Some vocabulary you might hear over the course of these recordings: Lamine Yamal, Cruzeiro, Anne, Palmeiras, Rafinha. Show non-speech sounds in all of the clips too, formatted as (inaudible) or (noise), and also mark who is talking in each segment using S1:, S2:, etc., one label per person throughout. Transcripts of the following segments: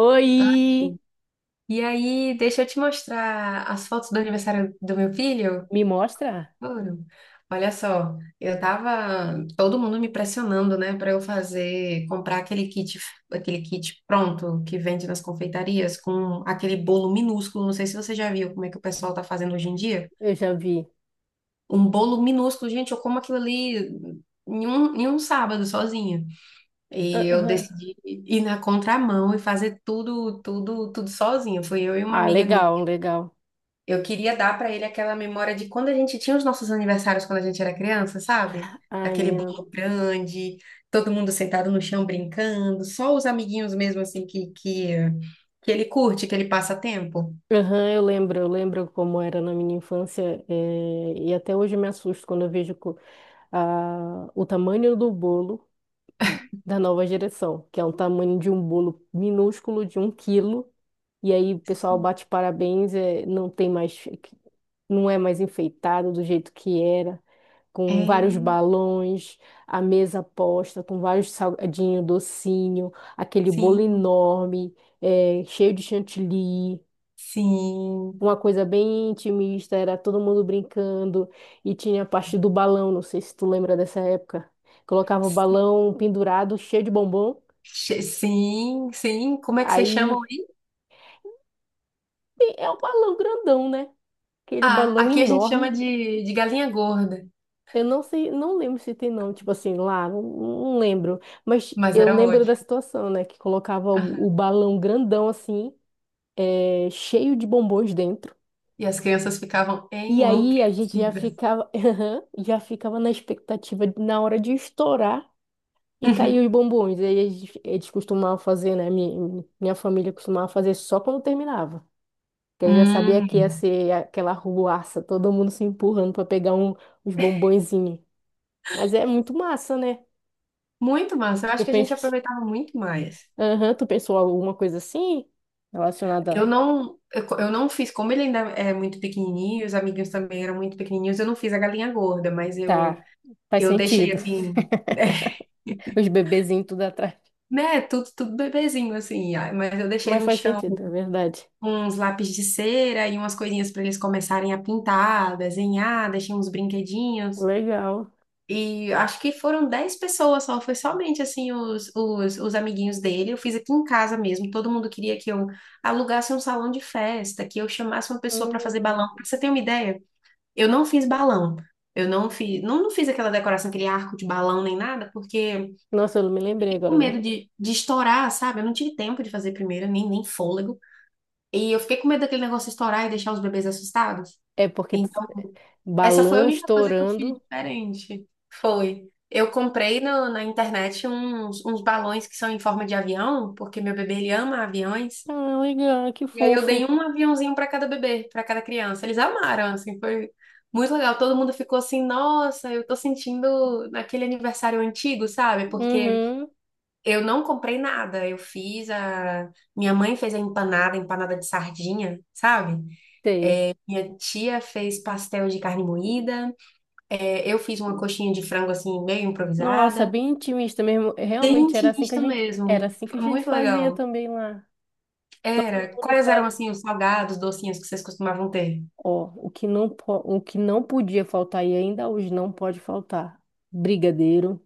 S1: Oi!
S2: Ai, e aí, deixa eu te mostrar as fotos do aniversário do meu filho.
S1: Me mostra?
S2: Ouro. Olha só, eu tava todo mundo me pressionando, né, para eu fazer, comprar aquele kit pronto que vende nas confeitarias com aquele bolo minúsculo. Não sei se você já viu como é que o pessoal tá fazendo hoje em dia.
S1: Eu já vi.
S2: Um bolo minúsculo, gente, eu como aquilo ali em um sábado sozinha. E eu
S1: Aham.
S2: decidi ir na contramão e fazer tudo, tudo, tudo sozinha. Fui eu e uma
S1: Ah,
S2: amiga minha.
S1: legal, legal.
S2: Eu queria dar pra ele aquela memória de quando a gente tinha os nossos aniversários quando a gente era criança, sabe?
S1: Ai,
S2: Aquele
S1: menina.
S2: bolo grande, todo mundo sentado no chão brincando, só os amiguinhos mesmo assim que ele curte, que ele passa tempo.
S1: Aham, eu lembro como era na minha infância, e até hoje me assusto quando eu vejo o tamanho do bolo da nova geração, que é um tamanho de um bolo minúsculo de um quilo. E aí o pessoal bate parabéns, é, não tem mais, não é mais enfeitado do jeito que era, com vários
S2: É,
S1: balões, a mesa posta, com vários salgadinho, docinho, aquele bolo
S2: sim,
S1: enorme, é, cheio de chantilly.
S2: sim.
S1: Uma coisa bem intimista, era todo mundo brincando e tinha a parte do balão, não sei se tu lembra dessa época. Colocava o balão pendurado, cheio de bombom.
S2: Sim, sim. Como é que vocês chamam
S1: Aí
S2: aí?
S1: é um balão grandão, né? Aquele
S2: Ah,
S1: balão
S2: aqui a gente chama
S1: enorme.
S2: de galinha gorda,
S1: Eu não sei, não lembro se tem nome, tipo assim, lá, não, não lembro. Mas
S2: mas
S1: eu
S2: era
S1: lembro da
S2: ótimo.
S1: situação, né? Que colocava o balão grandão, assim, é, cheio de bombons dentro.
S2: E as crianças ficavam
S1: E aí a gente já
S2: enlouquecidas.
S1: ficava, (laughs) já ficava na expectativa na hora de estourar e cair os
S2: (laughs)
S1: bombons. Aí eles costumavam fazer, né? Minha família costumava fazer só quando terminava. Porque aí já
S2: Uhum.
S1: sabia que ia
S2: Hum.
S1: ser aquela ruaça, todo mundo se empurrando para pegar um, uns bombonzinhos. Mas é muito massa, né?
S2: Muito massa. Eu acho
S1: Eu
S2: que a gente
S1: penso.
S2: aproveitava muito mais.
S1: Aham, tu pensou alguma coisa assim?
S2: Eu
S1: Relacionada.
S2: não, eu não fiz, como ele ainda é muito pequenininho, os amiguinhos também eram muito pequenininhos, eu não fiz a galinha gorda, mas
S1: Tá, faz
S2: eu deixei
S1: sentido.
S2: assim, (laughs)
S1: Os bebezinhos tudo atrás.
S2: né, tudo, tudo bebezinho assim, ah, mas eu deixei
S1: Mas
S2: no
S1: faz
S2: chão
S1: sentido, é verdade.
S2: uns lápis de cera e umas coisinhas para eles começarem a pintar, desenhar, deixei uns brinquedinhos.
S1: Legal.
S2: E acho que foram 10 pessoas só, foi somente assim os amiguinhos dele. Eu fiz aqui em casa mesmo. Todo mundo queria que eu alugasse um salão de festa, que eu chamasse uma pessoa para fazer balão.
S1: Hum.
S2: Pra você ter uma ideia, eu não fiz balão. Eu não fiz, não, não fiz aquela decoração, aquele arco de balão nem nada, porque
S1: Nossa, eu não me lembrei
S2: com
S1: agora, né?
S2: medo de estourar, sabe? Eu não tive tempo de fazer primeiro, nem fôlego. E eu fiquei com medo daquele negócio estourar e deixar os bebês assustados.
S1: É porque
S2: Essa foi a
S1: balão
S2: única coisa que eu fiz
S1: estourando.
S2: diferente. Foi. Eu comprei na internet uns balões que são em forma de avião, porque meu bebê ele ama aviões.
S1: Ah, legal, que
S2: E aí eu dei
S1: fofo.
S2: um aviãozinho para cada bebê, para cada criança. Eles amaram, assim, foi muito legal. Todo mundo ficou assim, nossa, eu tô sentindo naquele aniversário antigo, sabe? Porque
S1: Uhum,
S2: eu não comprei nada. Eu fiz a. Minha mãe fez a empanada de sardinha, sabe?
S1: sei.
S2: É, minha tia fez pastel de carne moída. É, eu fiz uma coxinha de frango assim, meio
S1: Nossa,
S2: improvisada.
S1: bem intimista mesmo.
S2: Bem
S1: Realmente
S2: intimista
S1: era
S2: mesmo.
S1: assim que a
S2: Foi
S1: gente
S2: muito
S1: fazia
S2: legal.
S1: também lá. Todo
S2: Era.
S1: mundo.
S2: Quais eram assim os salgados, docinhos que vocês costumavam ter?
S1: Ó, o que não podia faltar e ainda hoje não pode faltar: brigadeiro,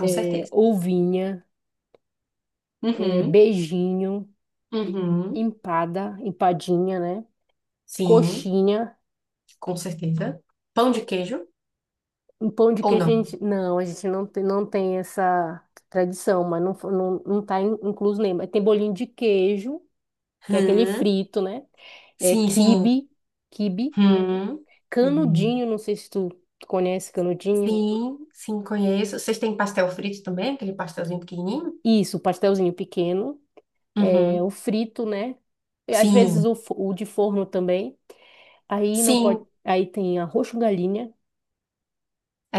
S2: Com
S1: é,
S2: certeza.
S1: ovinha, é,
S2: Uhum.
S1: beijinho,
S2: Uhum.
S1: empada, empadinha, né?
S2: Sim,
S1: Coxinha,
S2: com certeza. Pão de queijo
S1: um pão de
S2: ou
S1: queijo.
S2: não?
S1: A gente não tem, não tem essa tradição, mas não, não, não tá incluso nem. Mas tem bolinho de queijo, que é aquele
S2: Hum.
S1: frito, né? É,
S2: Sim, sim.
S1: quibe,
S2: Hum. Uhum.
S1: canudinho, não sei se tu conhece canudinho.
S2: Sim, sim, conheço. Vocês têm pastel frito também? Aquele pastelzinho pequenininho?
S1: Isso, pastelzinho pequeno. É,
S2: Uhum.
S1: o frito, né? E às vezes
S2: Sim,
S1: o de forno também. Aí não pode,
S2: sim.
S1: aí tem arroz com galinha,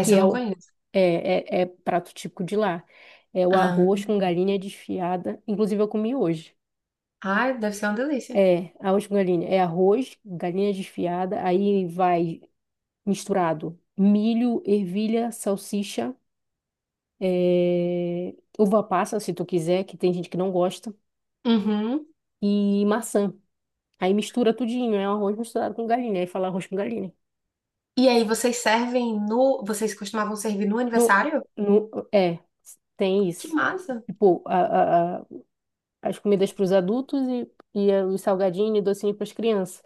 S1: que
S2: eu
S1: é,
S2: não conheço.
S1: é prato típico de lá. É o
S2: Ah,
S1: arroz com galinha desfiada. Inclusive eu comi hoje.
S2: ai, deve ser uma delícia.
S1: É, arroz com galinha. É arroz, galinha desfiada, aí vai misturado milho, ervilha, salsicha, é, uva passa, se tu quiser, que tem gente que não gosta,
S2: Uhum.
S1: e maçã. Aí mistura tudinho, é um arroz misturado com galinha. Aí fala arroz com galinha.
S2: E aí, vocês servem no. Vocês costumavam servir no
S1: No,
S2: aniversário?
S1: no, é, tem
S2: Que
S1: isso.
S2: massa!
S1: Tipo, as comidas para os adultos e, os salgadinhos e docinho para as crianças.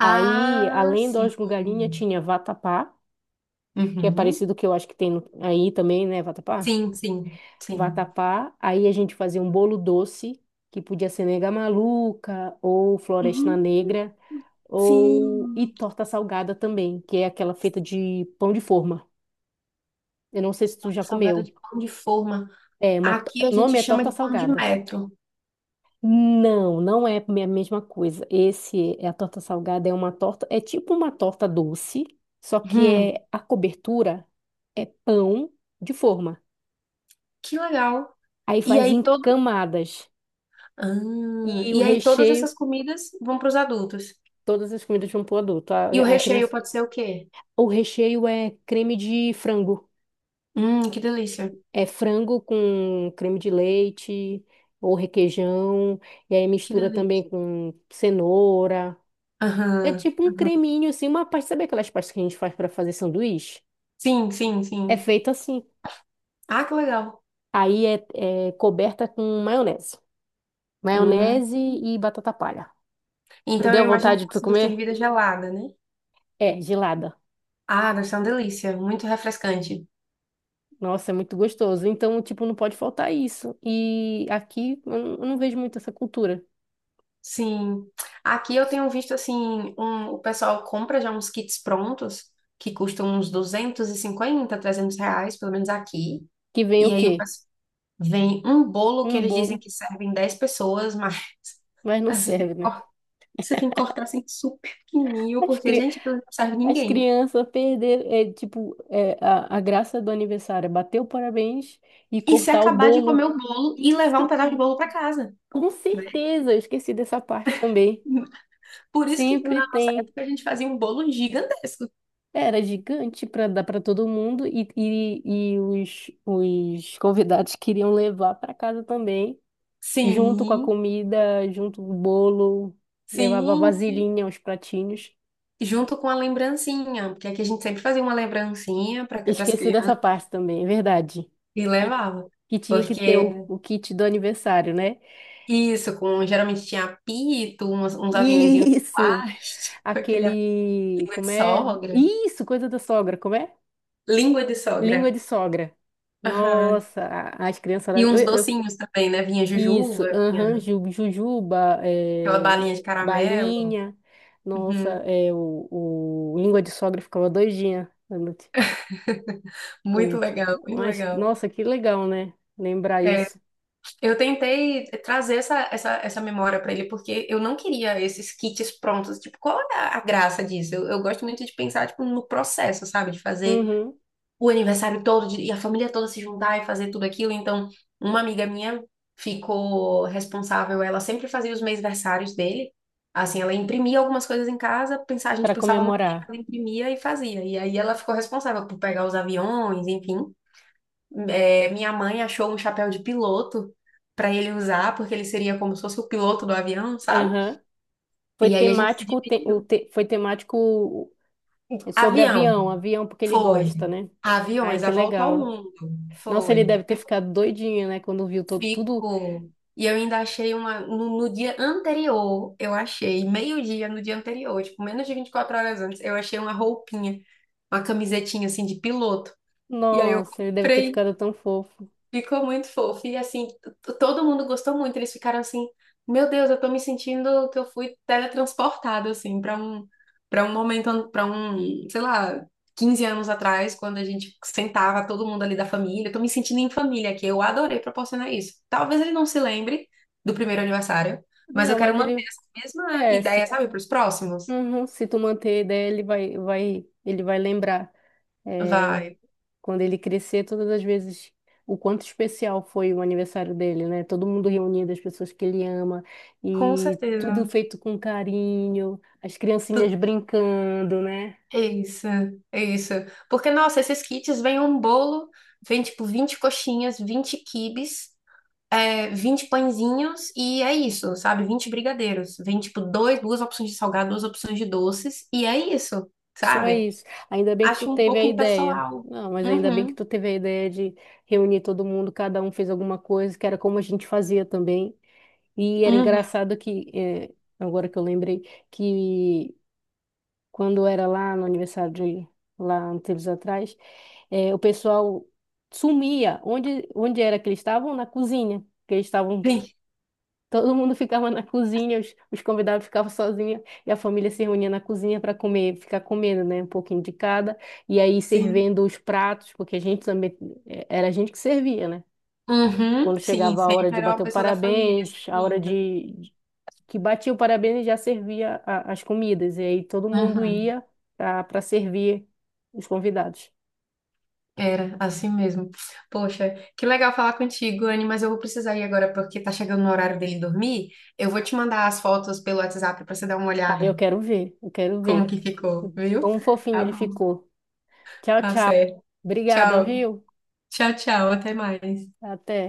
S1: Aí, além do
S2: sim.
S1: arroz com galinha, tinha vatapá, que é
S2: Uhum.
S1: parecido que eu acho que tem aí também, né, vatapá?
S2: Sim, sim, sim.
S1: Vatapá. Aí a gente fazia um bolo doce, que podia ser nega maluca ou floresta
S2: Uhum.
S1: negra, ou e
S2: Sim.
S1: torta salgada também, que é aquela feita de pão de forma. Eu não sei se tu
S2: Torta
S1: já
S2: salgada
S1: comeu.
S2: de pão de forma.
S1: É, uma,
S2: Aqui a
S1: o nome
S2: gente
S1: é
S2: chama de
S1: torta
S2: pão de
S1: salgada.
S2: metro.
S1: Não, não é a mesma coisa. Esse é a torta salgada, é uma torta, é tipo uma torta doce, só que
S2: Hum,
S1: é a cobertura é pão de forma.
S2: que legal.
S1: Aí
S2: E
S1: faz
S2: aí,
S1: em
S2: todo...
S1: camadas
S2: ah,
S1: e o
S2: e aí, todas
S1: recheio,
S2: essas comidas vão para os adultos.
S1: todas as comidas vão pro adulto.
S2: E o
S1: A
S2: recheio
S1: criança,
S2: pode ser o quê?
S1: o recheio é creme de frango.
S2: Que delícia.
S1: É frango com creme de leite ou requeijão, e aí
S2: Que
S1: mistura
S2: delícia.
S1: também com cenoura. É
S2: Aham.
S1: tipo um creminho, assim, uma pasta. Sabe aquelas pastas que a gente faz para fazer sanduíche?
S2: Sim, sim,
S1: É
S2: sim.
S1: feito assim.
S2: Ah, que legal.
S1: Aí é coberta com maionese.
S2: Hum.
S1: Maionese e batata palha. Não
S2: Então eu
S1: deu
S2: imagino
S1: vontade
S2: que
S1: de
S2: ela
S1: tu
S2: seja
S1: comer?
S2: servida gelada, né?
S1: É, gelada.
S2: Ah, deve ser uma delícia, muito refrescante.
S1: Nossa, é muito gostoso. Então, tipo, não pode faltar isso. E aqui eu não vejo muito essa cultura.
S2: Sim. Aqui eu tenho visto assim, o pessoal compra já uns kits prontos que custam uns 250, R$ 300, pelo menos aqui.
S1: Que vem
S2: E
S1: o
S2: aí o
S1: quê?
S2: pessoal vem um bolo que
S1: Um
S2: eles dizem
S1: bolo,
S2: que serve em 10 pessoas, mas
S1: mas
S2: (laughs)
S1: não
S2: você tem que
S1: serve, né?
S2: você tem que cortar assim super pequenininho,
S1: As,
S2: porque,
S1: cri...
S2: gente, aquilo não serve
S1: As
S2: ninguém.
S1: crianças perderam, é, tipo, é, a graça do aniversário é bater o parabéns e
S2: E se
S1: cortar o
S2: acabar de
S1: bolo.
S2: comer o bolo e levar um
S1: Isso.
S2: pedaço de bolo para casa,
S1: Com
S2: né?
S1: certeza, eu esqueci dessa parte também.
S2: Por isso que
S1: Sempre
S2: na nossa
S1: tem.
S2: época a gente fazia um bolo gigantesco.
S1: Era gigante para dar para todo mundo e os convidados queriam levar para casa também, junto com a
S2: Sim,
S1: comida, junto com o bolo, levava
S2: sim, sim.
S1: vasilhinha, os pratinhos.
S2: Junto com a lembrancinha, porque aqui a gente sempre fazia uma lembrancinha para as
S1: Esqueci dessa
S2: crianças
S1: parte também, é verdade.
S2: e
S1: Que,
S2: levava.
S1: que tinha que ter o,
S2: Porque
S1: o kit do aniversário, né?
S2: isso, com geralmente tinha apito, uns,
S1: (laughs)
S2: uns aviõezinhos de
S1: Isso!
S2: plástico, (laughs) aquele apito
S1: Aquele.
S2: de
S1: Como é?
S2: sogra,
S1: Isso, coisa da sogra, como é?
S2: língua de
S1: Língua
S2: sogra.
S1: de sogra.
S2: Aham.
S1: Nossa, as crianças lá.
S2: E uns
S1: Eu-
S2: docinhos também, né? Vinha
S1: isso,
S2: jujuba,
S1: aham,
S2: vinha
S1: jujuba,
S2: aquela
S1: é,
S2: balinha de caramelo.
S1: balinha. Nossa,
S2: Uhum.
S1: é, o língua de sogra ficava doidinha.
S2: Muito
S1: Quando t-
S2: legal, muito
S1: Mas,
S2: legal.
S1: nossa, que legal, né? Lembrar isso.
S2: Eu tentei trazer essa memória para ele, porque eu não queria esses kits prontos. Tipo, qual é a graça disso? Eu gosto muito de pensar, tipo, no processo, sabe? De fazer
S1: Uhum,
S2: o aniversário todo e a família toda se juntar e fazer tudo aquilo. Então, uma amiga minha ficou responsável, ela sempre fazia os mêsversários dele. Assim, ela imprimia algumas coisas em casa, pensava, a gente
S1: para
S2: pensava no tema,
S1: comemorar.
S2: ela imprimia e fazia. E aí ela ficou responsável por pegar os aviões, enfim. É, minha mãe achou um chapéu de piloto para ele usar, porque ele seria como se fosse o piloto do avião, sabe?
S1: Aham. Foi
S2: E aí a gente se
S1: temático, o te- o
S2: dividiu.
S1: te- foi temático é, sobre
S2: Avião,
S1: avião, avião porque ele
S2: foi.
S1: gosta, né? Ai,
S2: Aviões, a
S1: que
S2: volta ao
S1: legal.
S2: mundo,
S1: Nossa,
S2: foi.
S1: ele deve ter ficado doidinho, né? Quando viu tudo.
S2: Ficou. E eu ainda achei uma. No dia anterior, eu achei, meio-dia no dia anterior, tipo, menos de 24 horas antes, eu achei uma roupinha, uma camisetinha assim de piloto. E aí eu
S1: Nossa, ele deve ter
S2: comprei.
S1: ficado tão fofo.
S2: Ficou muito fofo. E assim, todo mundo gostou muito. Eles ficaram assim, meu Deus, eu tô me sentindo que eu fui teletransportado, assim, para um momento, para um, sei lá, 15 anos atrás, quando a gente sentava todo mundo ali da família. Eu tô me sentindo em família aqui. Eu adorei proporcionar isso. Talvez ele não se lembre do primeiro aniversário, mas eu
S1: Não,
S2: quero
S1: mas
S2: manter
S1: ele.
S2: essa mesma
S1: É,
S2: ideia,
S1: se,
S2: sabe, para os próximos.
S1: uhum, se tu manter a ideia, ele vai, vai, ele vai lembrar. É,
S2: Vai,
S1: quando ele crescer, todas as vezes o quanto especial foi o aniversário dele, né? Todo mundo reunido, as pessoas que ele ama,
S2: com
S1: e tudo
S2: certeza.
S1: feito com carinho, as
S2: Tu
S1: criancinhas brincando, né?
S2: É isso, é isso. Porque, nossa, esses kits vêm um bolo, vem tipo 20 coxinhas, 20 quibes, é, 20 pãezinhos e é isso, sabe? 20 brigadeiros. Vem tipo dois, duas opções de salgado, duas opções de doces e é isso,
S1: Só
S2: sabe?
S1: isso. Ainda bem que tu
S2: Acho um
S1: teve a
S2: pouco
S1: ideia.
S2: impessoal.
S1: Não, mas ainda bem que
S2: Uhum,
S1: tu teve a ideia de reunir todo mundo, cada um fez alguma coisa, que era como a gente fazia também. E era
S2: uhum.
S1: engraçado que, agora que eu lembrei, que quando eu era lá no aniversário de lá uns tempos atrás, o pessoal sumia. Onde era que eles estavam? Na cozinha. Que eles
S2: (laughs)
S1: estavam,
S2: Sim,
S1: todo mundo ficava na cozinha, os convidados ficavam sozinhos e a família se reunia na cozinha para comer, ficar comendo, né? Um pouquinho de cada. E aí
S2: sim.
S1: servindo os pratos, porque a gente também, era a gente que servia, né?
S2: Uhum,
S1: Quando
S2: sim,
S1: chegava a hora
S2: sempre
S1: de
S2: era uma
S1: bater o
S2: pessoa da família
S1: parabéns, a hora
S2: servindo.
S1: de que batia o parabéns e já servia as comidas. E aí todo mundo ia para servir os convidados.
S2: Era, assim mesmo. Poxa, que legal falar contigo, Anne, mas eu vou precisar ir agora porque tá chegando no horário dele dormir. Eu vou te mandar as fotos pelo WhatsApp pra você dar uma
S1: Aí
S2: olhada
S1: eu quero ver, eu quero
S2: como
S1: ver.
S2: que ficou, viu?
S1: Como fofinho
S2: Tá
S1: ele
S2: bom.
S1: ficou. Tchau,
S2: Tá
S1: tchau.
S2: certo.
S1: Obrigada,
S2: Tchau.
S1: viu?
S2: Tchau, tchau. Até mais.
S1: Até.